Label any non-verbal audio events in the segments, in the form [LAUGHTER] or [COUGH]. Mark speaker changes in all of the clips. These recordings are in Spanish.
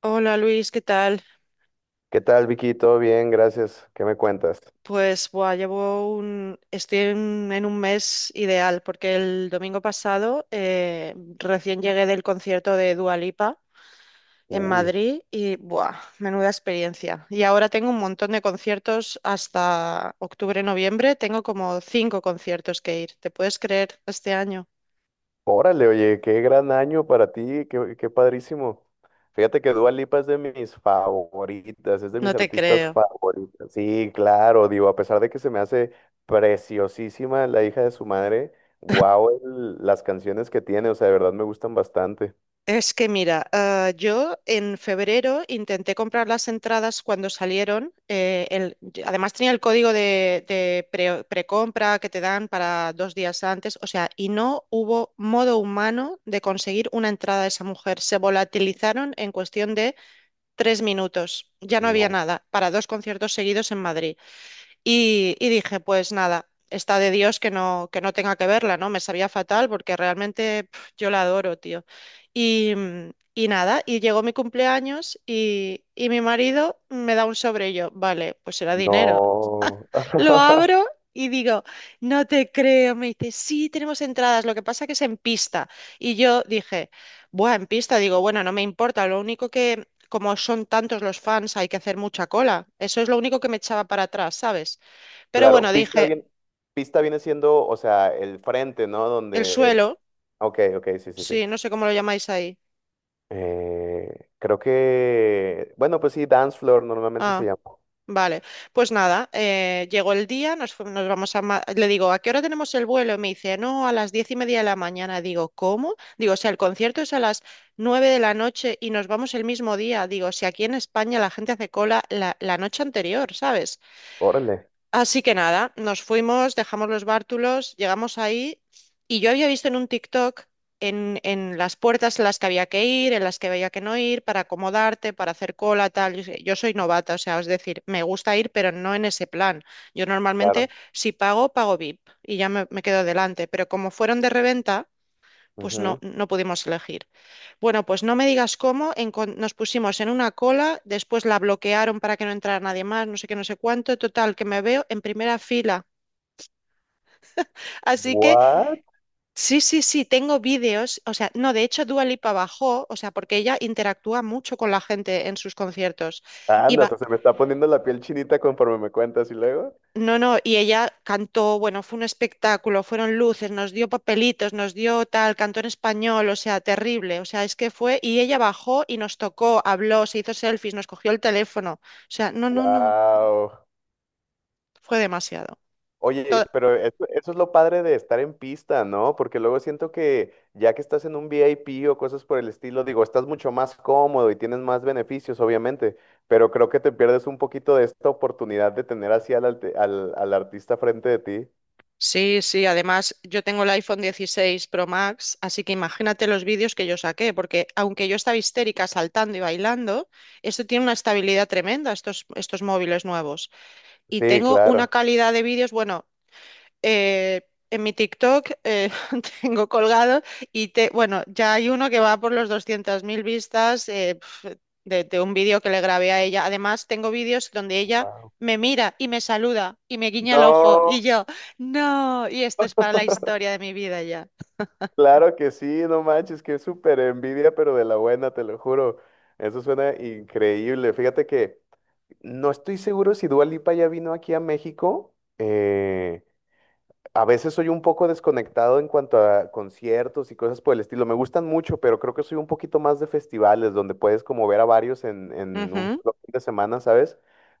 Speaker 1: Hola Luis, ¿qué tal?
Speaker 2: ¿Qué tal, Vicky? ¿Todo bien? Gracias. ¿Qué me cuentas?
Speaker 1: Pues buah, estoy en un mes ideal porque el domingo pasado recién llegué del concierto de Dua Lipa en
Speaker 2: Uy,
Speaker 1: Madrid y buah, menuda experiencia. Y ahora tengo un montón de conciertos hasta octubre, noviembre. Tengo como cinco conciertos que ir. ¿Te puedes creer este año?
Speaker 2: órale, oye, qué gran año para ti, qué padrísimo. Fíjate que Dua Lipa es de mis favoritas, es de
Speaker 1: No
Speaker 2: mis
Speaker 1: te
Speaker 2: artistas
Speaker 1: creo.
Speaker 2: favoritas. Sí, claro, digo, a pesar de que se me hace preciosísima la hija de su madre, wow, las canciones que tiene, o sea, de verdad me gustan bastante.
Speaker 1: Es que mira, ah, yo en febrero intenté comprar las entradas cuando salieron. Además tenía el código de precompra que te dan para 2 días antes, o sea, y no hubo modo humano de conseguir una entrada de esa mujer. Se volatilizaron en cuestión de 3 minutos. Ya no había
Speaker 2: No,
Speaker 1: nada para dos conciertos seguidos en Madrid. Y dije, pues nada, está de Dios que no tenga que verla, ¿no? Me sabía fatal porque realmente pf, yo la adoro, tío. Y nada, y llegó mi cumpleaños y mi marido me da un sobre y yo, vale, pues era dinero.
Speaker 2: no.
Speaker 1: Lo
Speaker 2: [LAUGHS]
Speaker 1: abro y digo, no te creo, me dice, sí, tenemos entradas, lo que pasa que es en pista. Y yo dije, buah, en pista, digo, bueno, no me importa, lo único que... Como son tantos los fans, hay que hacer mucha cola. Eso es lo único que me echaba para atrás, ¿sabes? Pero
Speaker 2: Claro,
Speaker 1: bueno,
Speaker 2: pista
Speaker 1: dije,
Speaker 2: bien, pista viene siendo, o sea, el frente, ¿no?
Speaker 1: el
Speaker 2: Donde,
Speaker 1: suelo,
Speaker 2: ok, ok, sí, sí.
Speaker 1: sí, no sé cómo lo llamáis ahí.
Speaker 2: Creo que, bueno, pues sí, Dance Floor normalmente se
Speaker 1: Ah,
Speaker 2: llama.
Speaker 1: vale. Pues nada, llegó el día, nos vamos a... Le digo, ¿a qué hora tenemos el vuelo? Y me dice, no, a las 10:30 de la mañana. Digo, ¿cómo? Digo, o sea, el concierto es a las 9 de la noche y nos vamos el mismo día. Digo, si aquí en España la gente hace cola la noche anterior, ¿sabes?
Speaker 2: Órale,
Speaker 1: Así que nada, nos fuimos, dejamos los bártulos, llegamos ahí y yo había visto en un TikTok en las puertas en las que había que ir, en las que había que no ir, para acomodarte, para hacer cola, tal. Yo soy novata, o sea, es decir, me gusta ir, pero no en ese plan. Yo normalmente,
Speaker 2: claro.
Speaker 1: si pago, pago VIP y ya me quedo delante, pero como fueron de reventa, pues no,
Speaker 2: Ujú.
Speaker 1: no pudimos elegir. Bueno, pues no me digas cómo, nos pusimos en una cola, después la bloquearon para que no entrara nadie más, no sé qué, no sé cuánto, total, que me veo en primera fila. Así que
Speaker 2: What?
Speaker 1: sí, sí, sí, tengo vídeos, o sea, no, de hecho Dua Lipa bajó, o sea, porque ella interactúa mucho con la gente en sus conciertos. Y,
Speaker 2: Anda,
Speaker 1: ba-
Speaker 2: hasta se me está poniendo la piel chinita conforme me cuentas y luego.
Speaker 1: No, no, y ella cantó, bueno, fue un espectáculo, fueron luces, nos dio papelitos, nos dio tal, cantó en español, o sea, terrible, o sea, es que fue, y ella bajó y nos tocó, habló, se hizo selfies, nos cogió el teléfono, o sea, no, no, no,
Speaker 2: Wow.
Speaker 1: fue demasiado.
Speaker 2: Oye,
Speaker 1: To-
Speaker 2: pero eso es lo padre de estar en pista, ¿no? Porque luego siento que ya que estás en un VIP o cosas por el estilo, digo, estás mucho más cómodo y tienes más beneficios, obviamente, pero creo que te pierdes un poquito de esta oportunidad de tener así al artista frente de ti.
Speaker 1: Sí, sí, además yo tengo el iPhone 16 Pro Max, así que imagínate los vídeos que yo saqué, porque aunque yo estaba histérica saltando y bailando, esto tiene una estabilidad tremenda, estos móviles nuevos. Y
Speaker 2: Sí,
Speaker 1: tengo una
Speaker 2: claro.
Speaker 1: calidad de vídeos, bueno. eh, en mi TikTok [LAUGHS] tengo colgado y te, bueno, ya hay uno que va por los 200.000 vistas de un vídeo que le grabé a ella. Además, tengo vídeos donde ella me mira y me saluda y me guiña el ojo y
Speaker 2: No,
Speaker 1: yo, no, y esto es para la historia de mi vida ya.
Speaker 2: claro que sí, no manches, que es súper envidia, pero de la buena, te lo juro. Eso suena increíble. Fíjate que no estoy seguro si Dua Lipa ya vino aquí a México. A veces soy un poco desconectado en cuanto a conciertos y cosas por el estilo. Me gustan mucho, pero creo que soy un poquito más de festivales, donde puedes como ver a varios en un
Speaker 1: Ujú.
Speaker 2: solo fin de semana, ¿sabes?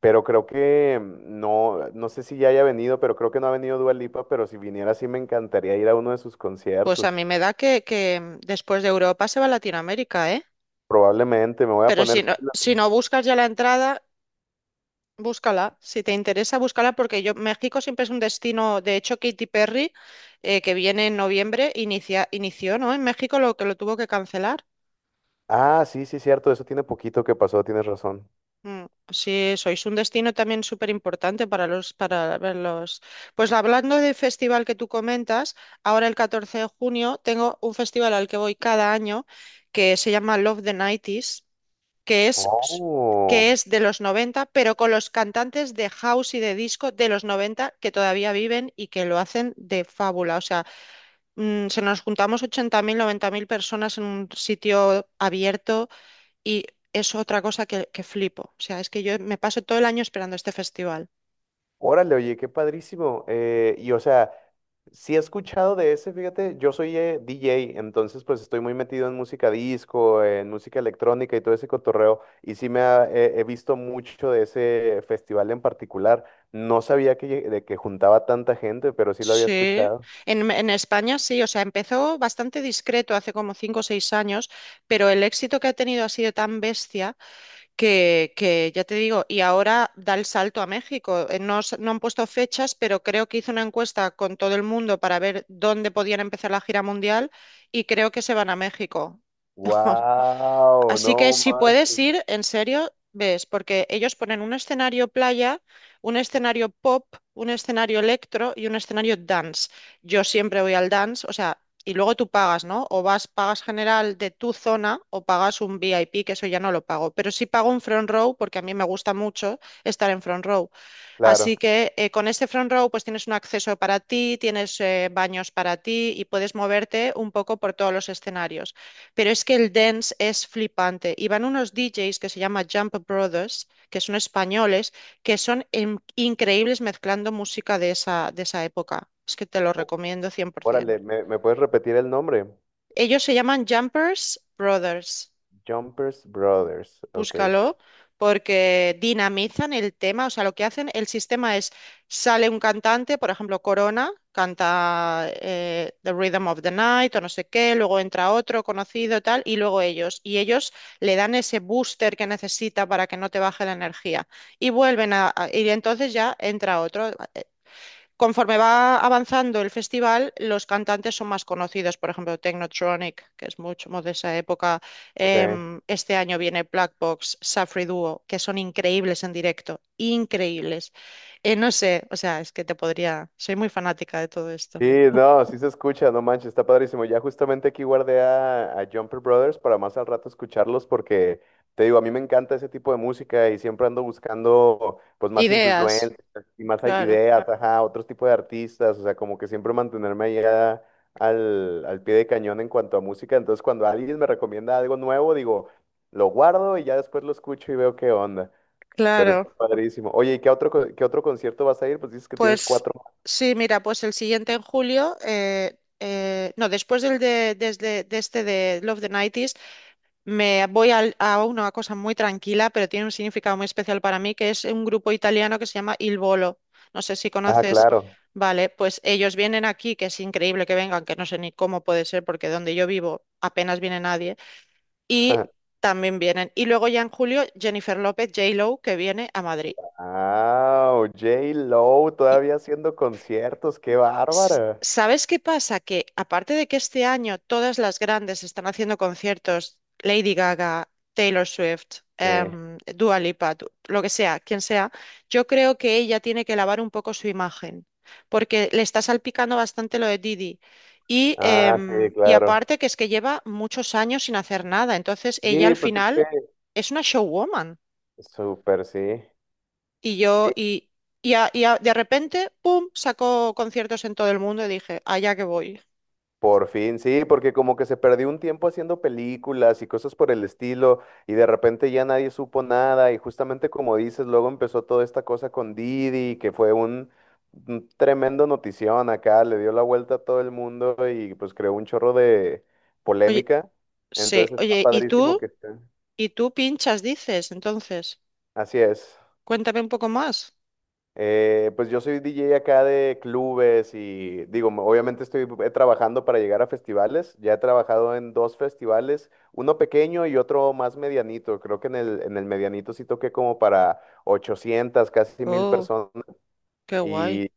Speaker 2: Pero creo que no, no sé si ya haya venido, pero creo que no ha venido Dua Lipa, pero si viniera sí me encantaría ir a uno de sus
Speaker 1: Pues a
Speaker 2: conciertos.
Speaker 1: mí me da que después de Europa se va a Latinoamérica, ¿eh?
Speaker 2: Probablemente me voy a
Speaker 1: Pero si
Speaker 2: poner
Speaker 1: no,
Speaker 2: pilas.
Speaker 1: si no buscas ya la entrada. Búscala, si te interesa, búscala porque yo México siempre es un destino, de hecho Katy Perry, que viene en noviembre, inició, ¿no? En México lo que lo tuvo que cancelar.
Speaker 2: Ah, sí, sí, cierto, eso tiene poquito que pasó, tienes razón.
Speaker 1: Mm, sí, sois un destino también súper importante para para ver los. Pues hablando del festival que tú comentas, ahora el 14 de junio tengo un festival al que voy cada año que se llama Love the 90 que es, que
Speaker 2: Oh,
Speaker 1: es de los 90 pero con los cantantes de house y de disco de los 90 que todavía viven y que lo hacen de fábula. O sea, se nos juntamos 80.000 90.000 personas en un sitio abierto y es otra cosa que flipo. O sea, es que yo me paso todo el año esperando este festival.
Speaker 2: órale, oye, qué padrísimo. Y o sea, sí he escuchado de ese, fíjate, yo soy DJ, entonces pues estoy muy metido en música disco, en música electrónica y todo ese cotorreo, y sí me ha- he he visto mucho de ese festival en particular. No sabía de que juntaba tanta gente, pero sí lo había
Speaker 1: Sí,
Speaker 2: escuchado.
Speaker 1: en España sí, o sea, empezó bastante discreto hace como 5 o 6 años, pero el éxito que ha tenido ha sido tan bestia que ya te digo, y ahora da el salto a México. No, no han puesto fechas, pero creo que hizo una encuesta con todo el mundo para ver dónde podían empezar la gira mundial y creo que se van a México.
Speaker 2: Wow,
Speaker 1: Así que
Speaker 2: no
Speaker 1: si puedes
Speaker 2: manches.
Speaker 1: ir, en serio, ves, porque ellos ponen un escenario playa, un escenario pop, un escenario electro y un escenario dance. Yo siempre voy al dance, o sea, y luego tú pagas, ¿no? O vas, pagas general de tu zona o pagas un VIP, que eso ya no lo pago. Pero sí pago un front row porque a mí me gusta mucho estar en front row.
Speaker 2: Claro.
Speaker 1: Así que con este front row pues tienes un acceso para ti, tienes baños para ti y puedes moverte un poco por todos los escenarios. Pero es que el dance es flipante. Y van unos DJs que se llama Jump Brothers, que son españoles, que son increíbles mezclando música de esa época. Es que te lo recomiendo 100%.
Speaker 2: Órale, ¿me puedes repetir el nombre?
Speaker 1: Ellos se llaman Jumpers Brothers.
Speaker 2: Jumpers Brothers. Ok, sí.
Speaker 1: Búscalo, porque dinamizan el tema, o sea, lo que hacen, el sistema es, sale un cantante, por ejemplo, Corona, canta The Rhythm of the Night o no sé qué, luego entra otro conocido, tal, y luego ellos le dan ese booster que necesita para que no te baje la energía, y vuelven y entonces ya entra otro conforme va avanzando el festival, los cantantes son más conocidos. Por ejemplo, Technotronic, que es mucho más de esa época.
Speaker 2: Ok.
Speaker 1: Este año viene Black Box, Safri Duo, que son increíbles en directo. Increíbles. No sé, o sea, es que te podría. Soy muy fanática de todo esto.
Speaker 2: Sí, no, sí se escucha, no manches, está padrísimo. Ya justamente aquí guardé a Jumper Brothers para más al rato escucharlos porque te digo, a mí me encanta ese tipo de música y siempre ando buscando pues más
Speaker 1: Ideas,
Speaker 2: influencias y
Speaker 1: claro,
Speaker 2: ideas, ajá, otros tipos de artistas, o sea, como que siempre mantenerme allá al pie de cañón en cuanto a música. Entonces, cuando alguien me recomienda algo nuevo, digo, lo guardo y ya después lo escucho y veo qué onda. Pero
Speaker 1: claro.
Speaker 2: está padrísimo. Oye, ¿y qué qué otro concierto vas a ir? Pues dices que tienes
Speaker 1: Pues
Speaker 2: cuatro.
Speaker 1: sí, mira, pues el siguiente en julio. No, después de este de Love the 90. Me voy a una cosa muy tranquila, pero tiene un significado muy especial para mí, que es un grupo italiano que se llama Il Volo. No sé si
Speaker 2: Ah,
Speaker 1: conoces.
Speaker 2: claro.
Speaker 1: Vale, pues ellos vienen aquí, que es increíble que vengan, que no sé ni cómo puede ser, porque donde yo vivo apenas viene nadie. Y
Speaker 2: [LAUGHS]
Speaker 1: también vienen. Y luego ya en julio, Jennifer López, J-Lo, que viene a Madrid.
Speaker 2: Ah, J-Lo todavía haciendo conciertos, qué bárbara.
Speaker 1: ¿Sabes qué pasa? Que aparte de que este año todas las grandes están haciendo conciertos, Lady Gaga, Taylor Swift,
Speaker 2: Sí.
Speaker 1: Dua Lipa, lo que sea, quien sea, yo creo que ella tiene que lavar un poco su imagen, porque le está salpicando bastante lo de Didi. Y,
Speaker 2: Ah, sí,
Speaker 1: em, y
Speaker 2: claro.
Speaker 1: aparte que es que lleva muchos años sin hacer nada, entonces ella
Speaker 2: Sí,
Speaker 1: al
Speaker 2: pues es que
Speaker 1: final es una showwoman.
Speaker 2: súper, sí.
Speaker 1: Y yo,
Speaker 2: Sí,
Speaker 1: y a- de repente, ¡pum!, sacó conciertos en todo el mundo y dije, allá que voy.
Speaker 2: por fin, sí, porque como que se perdió un tiempo haciendo películas y cosas por el estilo, y de repente ya nadie supo nada, y justamente como dices, luego empezó toda esta cosa con Didi, que fue un tremendo notición acá, le dio la vuelta a todo el mundo y pues creó un chorro de polémica,
Speaker 1: Sí,
Speaker 2: entonces está
Speaker 1: oye, ¿y
Speaker 2: padrísimo
Speaker 1: tú?
Speaker 2: que esté.
Speaker 1: ¿Y tú pinchas, dices? Entonces,
Speaker 2: Así es.
Speaker 1: cuéntame un poco más.
Speaker 2: Pues yo soy DJ acá de clubes y digo, obviamente estoy trabajando para llegar a festivales. Ya he trabajado en dos festivales, uno pequeño y otro más medianito. Creo que en el medianito sí toqué como para 800, casi 1000
Speaker 1: Oh,
Speaker 2: personas.
Speaker 1: qué guay.
Speaker 2: Y,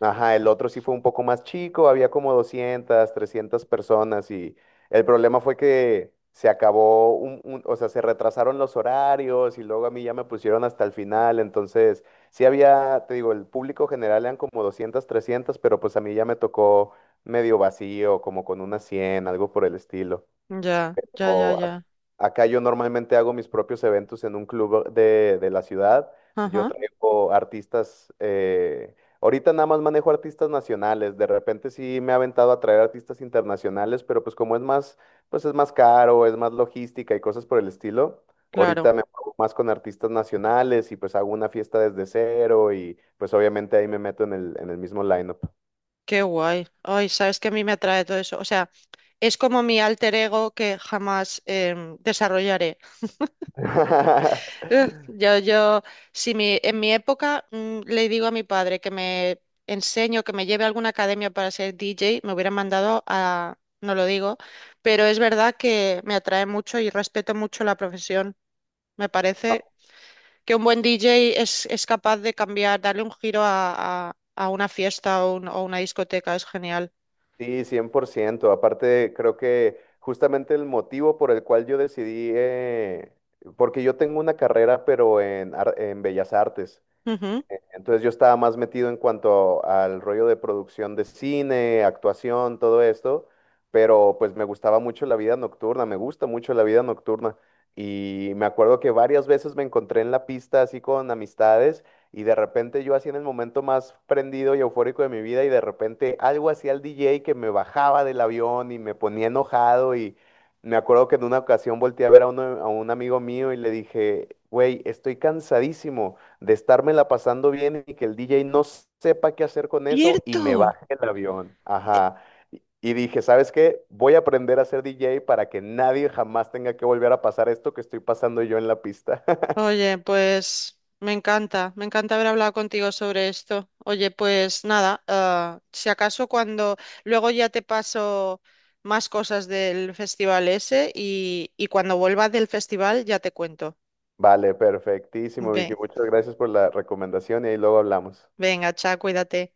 Speaker 2: ajá, el otro sí fue un poco más chico, había como 200 300 personas y el problema fue que se acabó, o sea, se retrasaron los horarios y luego a mí ya me pusieron hasta el final, entonces sí había, te digo, el público general eran como 200 300 pero pues a mí ya me tocó medio vacío, como con unas 100 algo por el estilo.
Speaker 1: Ya, ya, ya,
Speaker 2: O ac-
Speaker 1: ya.
Speaker 2: Acá yo normalmente hago mis propios eventos en un club de la ciudad. Yo
Speaker 1: Ajá,
Speaker 2: traigo artistas, ahorita nada más manejo artistas nacionales. De repente sí me he aventado a traer artistas internacionales, pero pues es más caro, es más logística y cosas por el estilo.
Speaker 1: claro.
Speaker 2: Ahorita me muevo más con artistas nacionales y pues hago una fiesta desde cero y pues obviamente ahí me meto en el mismo lineup.
Speaker 1: Qué guay. Ay, sabes que a mí me atrae todo eso. O sea, es como mi alter ego que jamás desarrollaré. Ugh,
Speaker 2: [LAUGHS]
Speaker 1: yo, si mi, en mi época le digo a mi padre que me enseño, que me lleve a alguna academia para ser DJ, me hubieran mandado a, no lo digo, pero es verdad que me atrae mucho y respeto mucho la profesión. Me parece que un buen DJ es capaz de cambiar, darle un giro a una fiesta o una discoteca, es genial.
Speaker 2: Sí, 100%. Aparte, creo que justamente el motivo por el cual yo porque yo tengo una carrera, pero en Bellas Artes.
Speaker 1: Ujú.
Speaker 2: Entonces yo estaba más metido en cuanto al rollo de producción de cine, actuación, todo esto, pero pues me gustaba mucho la vida nocturna, me gusta mucho la vida nocturna. Y me acuerdo que varias veces me encontré en la pista así con amistades y de repente yo así en el momento más prendido y eufórico de mi vida y de repente algo hacía el DJ que me bajaba del avión y me ponía enojado y me acuerdo que en una ocasión volteé a ver a un amigo mío y le dije, güey, estoy cansadísimo de estármela pasando bien y que el DJ no sepa qué hacer con eso y me
Speaker 1: ¡Cierto!
Speaker 2: baje el avión. Ajá. Y dije, ¿sabes qué? Voy a aprender a ser DJ para que nadie jamás tenga que volver a pasar esto que estoy pasando yo en la pista. [LAUGHS]
Speaker 1: Oye, pues me encanta haber hablado contigo sobre esto. Oye, pues nada, ah, si acaso cuando luego ya te paso más cosas del festival ese y cuando vuelva del festival ya te cuento.
Speaker 2: Vale, perfectísimo, Vicky.
Speaker 1: Ve-
Speaker 2: Muchas gracias por la recomendación y ahí luego hablamos.
Speaker 1: venga, chao, cuídate.